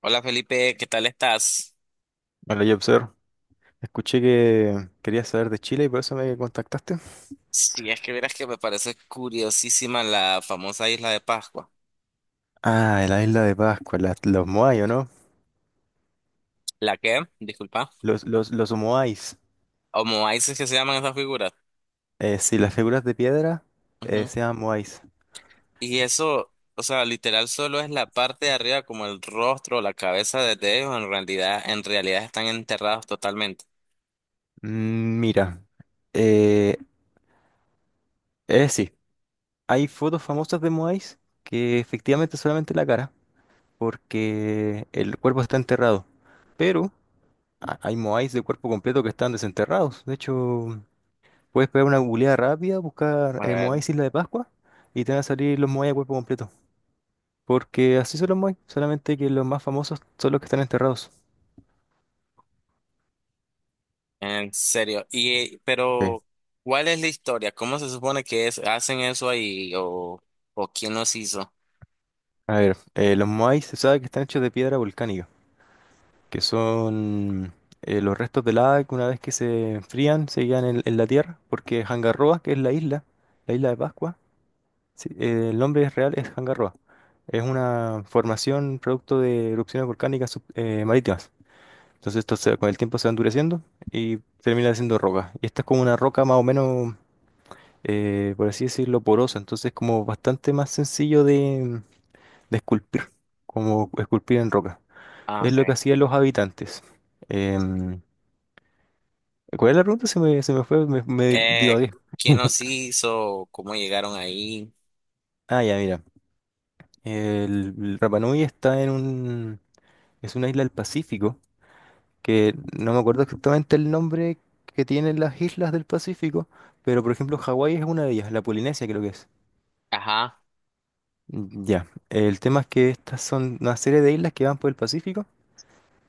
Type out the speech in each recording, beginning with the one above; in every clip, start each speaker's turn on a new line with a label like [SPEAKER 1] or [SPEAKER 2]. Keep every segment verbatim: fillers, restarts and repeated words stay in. [SPEAKER 1] Hola Felipe, ¿qué tal estás?
[SPEAKER 2] Vale, Jobser, escuché que querías saber de Chile y por eso me contactaste.
[SPEAKER 1] Si es que verás que me parece curiosísima la famosa isla de Pascua.
[SPEAKER 2] Ah, la isla de Pascua, la- los Moai, ¿o no?
[SPEAKER 1] ¿La qué? Disculpa.
[SPEAKER 2] Los, los, los Moais.
[SPEAKER 1] Moais que se llaman esas figuras.
[SPEAKER 2] Eh, sí, las figuras de piedra eh,
[SPEAKER 1] Ujú.
[SPEAKER 2] se llaman Moais.
[SPEAKER 1] Y eso, o sea, literal solo es la parte de arriba, como el rostro o la cabeza de ellos, en realidad, en realidad están enterrados totalmente.
[SPEAKER 2] Mm, Mira, eh, eh, sí, hay fotos famosas de Moais que efectivamente solamente la cara, porque el cuerpo está enterrado. Pero a- hay Moais de cuerpo completo que están desenterrados. De hecho. Puedes pegar una googleada rápida, buscar
[SPEAKER 1] A
[SPEAKER 2] eh,
[SPEAKER 1] ver,
[SPEAKER 2] Moai Isla de Pascua y te van a salir los Moai a cuerpo completo. Porque así son los Moai, solamente que los más famosos son los que están enterrados.
[SPEAKER 1] en serio. Y, eh,
[SPEAKER 2] Sí.
[SPEAKER 1] pero, ¿cuál es la historia? ¿Cómo se supone que es, hacen eso ahí o, o quién los hizo?
[SPEAKER 2] A ver, eh, los Moai se sabe que están hechos de piedra volcánica, que son eh, los restos de lava que una vez que se enfrían se quedan en, en la tierra, porque Hangaroa, que es la isla, la isla de Pascua, sí, eh, el nombre es real es Hangaroa. Es una formación producto de erupciones volcánicas sub- eh, marítimas. Entonces esto se- con el tiempo se va endureciendo y termina siendo roca. Y esta es como una roca más o menos, eh, por así decirlo, porosa. Entonces es como bastante más sencillo de, de esculpir, como esculpir en roca.
[SPEAKER 1] Ah,
[SPEAKER 2] Es lo que
[SPEAKER 1] ok.
[SPEAKER 2] hacían los habitantes. Em, ¿Cuál es la pregunta? Se me, se me fue, me, me
[SPEAKER 1] Eh,
[SPEAKER 2] divagué.
[SPEAKER 1] ¿Quién los hizo? ¿Cómo llegaron ahí?
[SPEAKER 2] Ah, ya, mira. El, el Rapa Nui está en un, es una isla del Pacífico que no me acuerdo exactamente el nombre que tienen las islas del Pacífico, pero por ejemplo Hawái es una de ellas, la Polinesia creo que es.
[SPEAKER 1] Ajá.
[SPEAKER 2] Mm, Ya, el tema es que estas son una serie de islas que van por el Pacífico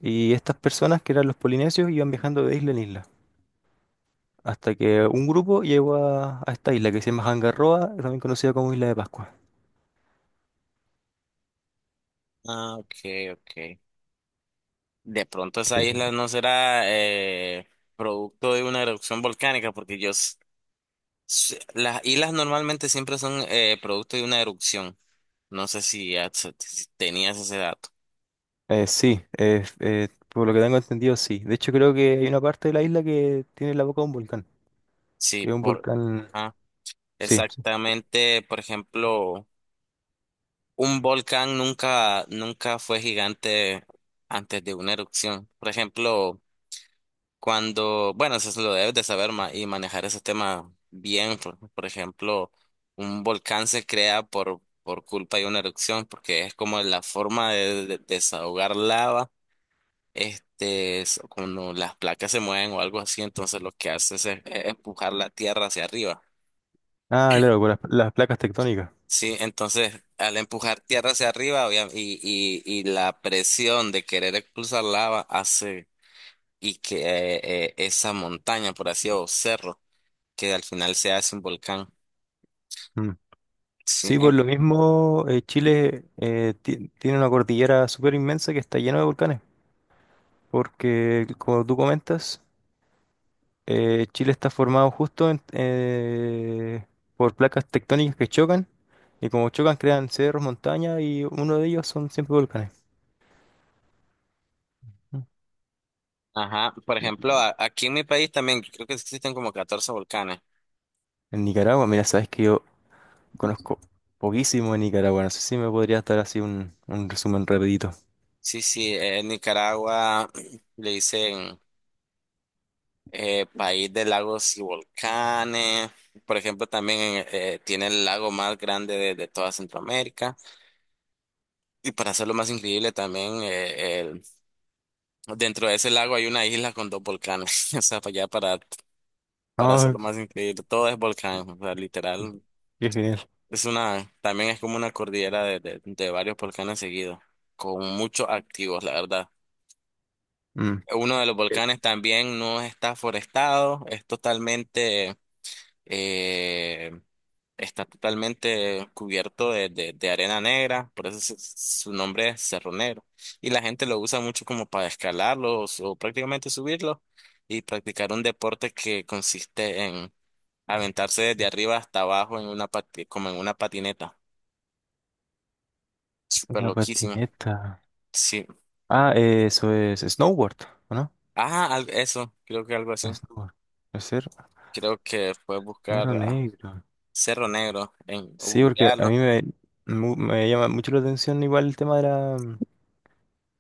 [SPEAKER 2] y estas personas que eran los polinesios iban viajando de isla en isla, hasta que un grupo llegó a, a esta isla que se llama Hangaroa, también conocida como Isla de Pascua.
[SPEAKER 1] Ah, ok, ok. De pronto esa
[SPEAKER 2] Eh,
[SPEAKER 1] isla no será eh, producto de una erupción volcánica, porque yo s- s- las islas normalmente siempre son eh, producto de una erupción. No sé si, ya se- si tenías ese dato.
[SPEAKER 2] eh, sí, eh, eh, por lo que tengo entendido, sí. De hecho creo que hay una parte de la isla que tiene la boca de un volcán,
[SPEAKER 1] Sí,
[SPEAKER 2] que es un
[SPEAKER 1] por
[SPEAKER 2] volcán,
[SPEAKER 1] ajá.
[SPEAKER 2] sí.
[SPEAKER 1] Exactamente, por ejemplo, un volcán nunca, nunca fue gigante antes de una erupción. Por ejemplo, cuando, bueno, eso se lo debes de saber ma- y manejar ese tema bien. Por, por ejemplo, un volcán se crea por, por culpa de una erupción, porque es como la forma de, de- desahogar lava, este, es cuando las placas se mueven o algo así, entonces lo que hace es, es empujar la tierra hacia arriba.
[SPEAKER 2] Ah, claro, por las, las placas tectónicas.
[SPEAKER 1] Sí, entonces al empujar tierra hacia arriba obvia- y, y, y la presión de querer expulsar lava hace y que eh, eh, esa montaña, por así decirlo, que al final se hace un volcán.
[SPEAKER 2] Mm.
[SPEAKER 1] Sí,
[SPEAKER 2] Sí, por
[SPEAKER 1] eh,
[SPEAKER 2] lo mismo, eh, Chile eh, ti- tiene una cordillera súper inmensa que está llena de volcanes, porque como tú comentas, eh, Chile está formado justo en- eh, por placas tectónicas que chocan, y como chocan crean cerros, montañas, y uno de ellos son siempre volcanes. Mm.
[SPEAKER 1] ajá. Por ejemplo, a- aquí en mi país también creo que existen como catorce volcanes.
[SPEAKER 2] En Nicaragua, mira, sabes que yo conozco poquísimo de Nicaragua, no sé si me podría dar así un, un resumen rapidito.
[SPEAKER 1] Sí, sí, eh, en Nicaragua le dicen eh, país de lagos y volcanes. Por ejemplo, también eh, eh, tiene el lago más grande de, de toda Centroamérica. Y para hacerlo más increíble, también eh, el- dentro de ese lago hay una isla con dos volcanes. O sea, para allá, para, para hacerlo
[SPEAKER 2] Ah,
[SPEAKER 1] más increíble, todo es
[SPEAKER 2] qué
[SPEAKER 1] volcán. O sea, literal,
[SPEAKER 2] qué genial.
[SPEAKER 1] es una, también es como una cordillera de, de, de varios volcanes seguidos, con muchos activos, la verdad.
[SPEAKER 2] Mm.
[SPEAKER 1] Uno de los volcanes también no está forestado, es totalmente, eh, está totalmente cubierto de, de, de arena negra, por eso se- su nombre es Cerro Negro. Y la gente lo usa mucho como para escalarlos o prácticamente subirlos y practicar un deporte que consiste en aventarse desde arriba hasta abajo en una pati- como en una patineta. Súper
[SPEAKER 2] Una
[SPEAKER 1] loquísimo.
[SPEAKER 2] patineta.
[SPEAKER 1] Sí.
[SPEAKER 2] Ah, eh, eso es snowboard, ¿o no?
[SPEAKER 1] Ajá, al- eso, creo que algo así.
[SPEAKER 2] Snowboard. Puede ser
[SPEAKER 1] Creo que fue buscar
[SPEAKER 2] negro
[SPEAKER 1] a
[SPEAKER 2] negro.
[SPEAKER 1] Cerro Negro en
[SPEAKER 2] Sí, porque a
[SPEAKER 1] googlearlo.
[SPEAKER 2] mí me, mu- me llama mucho la atención igual el tema de la,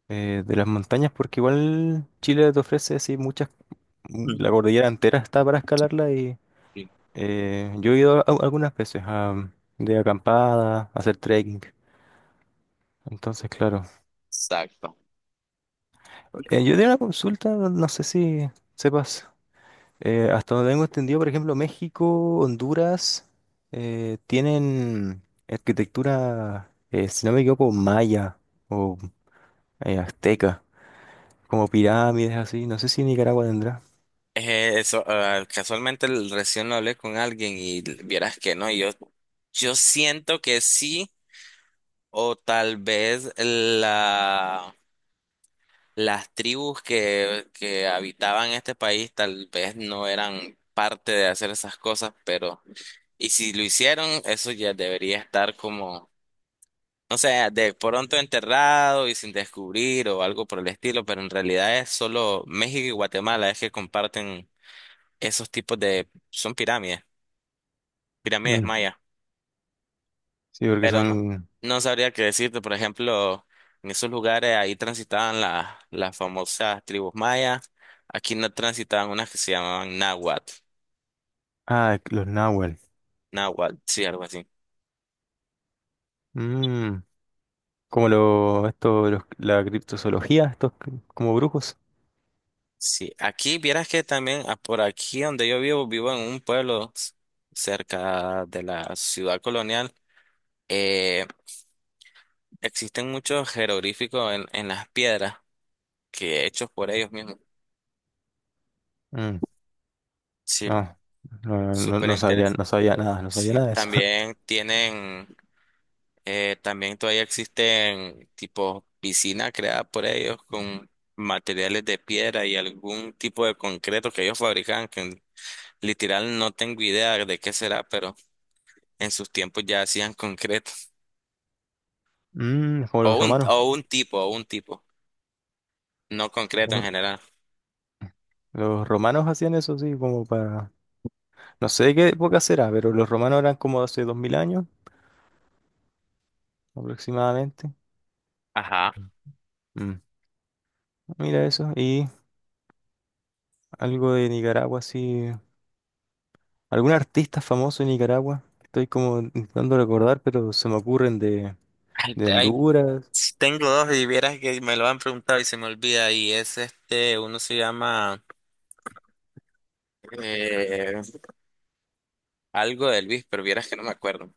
[SPEAKER 2] eh, de las montañas, porque igual Chile te ofrece así muchas,
[SPEAKER 1] Mm.
[SPEAKER 2] la cordillera entera está para escalarla y
[SPEAKER 1] Sí,
[SPEAKER 2] eh, yo he ido a- algunas veces a, de acampada, a hacer trekking. Entonces, claro.
[SPEAKER 1] exacto.
[SPEAKER 2] Eh, yo tenía una consulta, no sé si sepas. Eh, hasta donde tengo entendido, por ejemplo, México, Honduras, eh, tienen arquitectura, eh, si no me equivoco, maya o eh, azteca, como pirámides así. No sé si Nicaragua tendrá.
[SPEAKER 1] Eh, eso, ah, casualmente el- recién lo hablé con alguien y l- vieras que no, yo, yo siento que sí, o tal vez la, las tribus que, que habitaban este país tal vez no eran parte de hacer esas cosas, pero, y si lo hicieron, eso ya debería estar como. O sea, de pronto enterrado y sin descubrir o algo por el estilo, pero en realidad es solo México y Guatemala es que comparten esos tipos de, son pirámides, pirámides
[SPEAKER 2] Mm.
[SPEAKER 1] mayas,
[SPEAKER 2] Sí, porque
[SPEAKER 1] pero no,
[SPEAKER 2] son.
[SPEAKER 1] no sabría qué decirte. Por ejemplo, en esos lugares ahí transitaban la- las famosas tribus mayas, aquí no transitaban unas que se llamaban náhuatl,
[SPEAKER 2] Ah, los náhuatl.
[SPEAKER 1] náhuatl, sí, algo así.
[SPEAKER 2] Mm, Como lo, esto, los- la criptozoología, estos c- como brujos.
[SPEAKER 1] Sí, aquí vieras que también ah, por aquí donde yo vivo, vivo en un pueblo s- cerca de la ciudad colonial. Eh, Existen muchos jeroglíficos en, en las piedras que hechos por ellos mismos.
[SPEAKER 2] Mm,
[SPEAKER 1] Sí,
[SPEAKER 2] No, no, no,
[SPEAKER 1] súper
[SPEAKER 2] no sabía,
[SPEAKER 1] interesante.
[SPEAKER 2] no sabía nada, no sabía
[SPEAKER 1] Sí,
[SPEAKER 2] nada de eso.
[SPEAKER 1] también tienen, eh, también todavía existen tipo piscina creada por ellos con materiales de piedra y algún tipo de concreto que ellos fabricaban, que literal no tengo idea de qué será, pero en sus tiempos ya hacían concreto.
[SPEAKER 2] Mm, como
[SPEAKER 1] O
[SPEAKER 2] los
[SPEAKER 1] un,
[SPEAKER 2] romanos.
[SPEAKER 1] o un tipo, o un tipo, no concreto en
[SPEAKER 2] Los
[SPEAKER 1] general.
[SPEAKER 2] los romanos hacían eso, sí, como para. No sé de qué época será, pero los romanos eran como hace dos mil años aproximadamente.
[SPEAKER 1] Ajá.
[SPEAKER 2] Mm. Mira eso. Y algo de Nicaragua, sí. ¿Algún artista famoso de Nicaragua? Estoy como intentando recordar, pero se me ocurren de,
[SPEAKER 1] Ay,
[SPEAKER 2] de
[SPEAKER 1] te- ay,
[SPEAKER 2] Honduras.
[SPEAKER 1] sí, tengo dos y vieras que me lo han preguntado y se me olvida y es este, uno se llama eh, algo de Luis, pero vieras que no me acuerdo.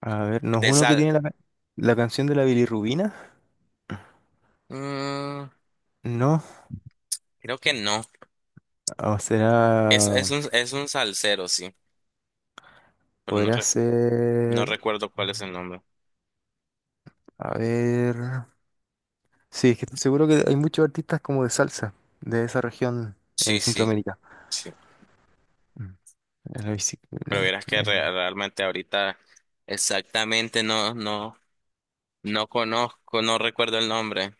[SPEAKER 2] A ver, ¿no es
[SPEAKER 1] De
[SPEAKER 2] uno que
[SPEAKER 1] sal.
[SPEAKER 2] tiene la, ca- la canción de la bilirrubina?
[SPEAKER 1] Mm,
[SPEAKER 2] No.
[SPEAKER 1] creo que no.
[SPEAKER 2] O
[SPEAKER 1] Es, es
[SPEAKER 2] será.
[SPEAKER 1] un, es un salsero, sí, pero no,
[SPEAKER 2] Podría
[SPEAKER 1] re- no
[SPEAKER 2] ser.
[SPEAKER 1] recuerdo cuál es el nombre.
[SPEAKER 2] A ver. Sí, es que estoy seguro que hay muchos artistas como de salsa de esa región eh,
[SPEAKER 1] Sí, sí,
[SPEAKER 2] Centroamérica.
[SPEAKER 1] sí.
[SPEAKER 2] A la bicicleta.
[SPEAKER 1] Pero vieras que
[SPEAKER 2] eh,
[SPEAKER 1] re- realmente ahorita exactamente no, no, no conozco, no recuerdo el nombre.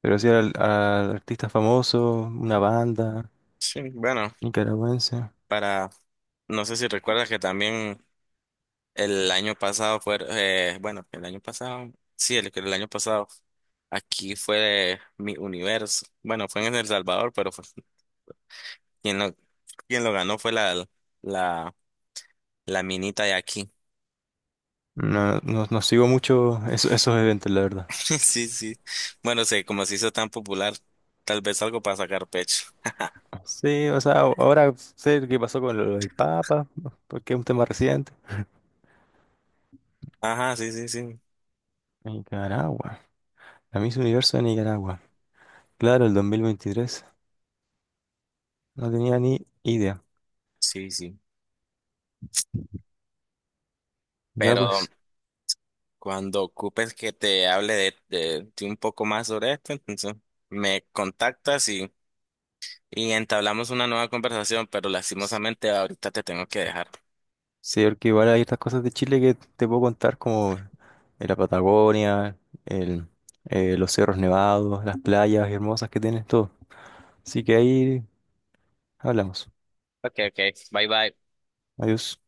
[SPEAKER 2] Pero sí al, al artista famoso, una banda
[SPEAKER 1] Sí, bueno,
[SPEAKER 2] nicaragüense.
[SPEAKER 1] para, no sé si recuerdas que también el año pasado fue, eh, bueno, el año pasado, sí, el, el año pasado, aquí fue mi universo. Bueno, fue en El Salvador, pero fue- quien lo, quien lo ganó fue la, la, la minita de aquí.
[SPEAKER 2] No, no, no sigo mucho eso- esos eventos, la verdad.
[SPEAKER 1] Sí, sí. Bueno, sé, como se hizo tan popular, tal vez algo para sacar pecho.
[SPEAKER 2] Sí, o sea, ahora sé qué pasó con lo del Papa, porque es un tema reciente.
[SPEAKER 1] Ajá, sí, sí, sí.
[SPEAKER 2] Nicaragua, la Miss Universo de Nicaragua. Claro, el dos mil veintitrés. No tenía ni idea.
[SPEAKER 1] Sí, sí.
[SPEAKER 2] Ya
[SPEAKER 1] Pero
[SPEAKER 2] pues.
[SPEAKER 1] cuando ocupes que te hable de, de, de un poco más sobre esto, entonces me contactas y y entablamos una nueva conversación, pero lastimosamente ahorita te tengo que dejar.
[SPEAKER 2] Sí, porque igual hay estas cosas de Chile que te puedo contar, como eh, la Patagonia, el, eh, los cerros nevados, las playas hermosas que tienes, todo. Así que ahí hablamos.
[SPEAKER 1] Ok, ok, bye bye.
[SPEAKER 2] Adiós.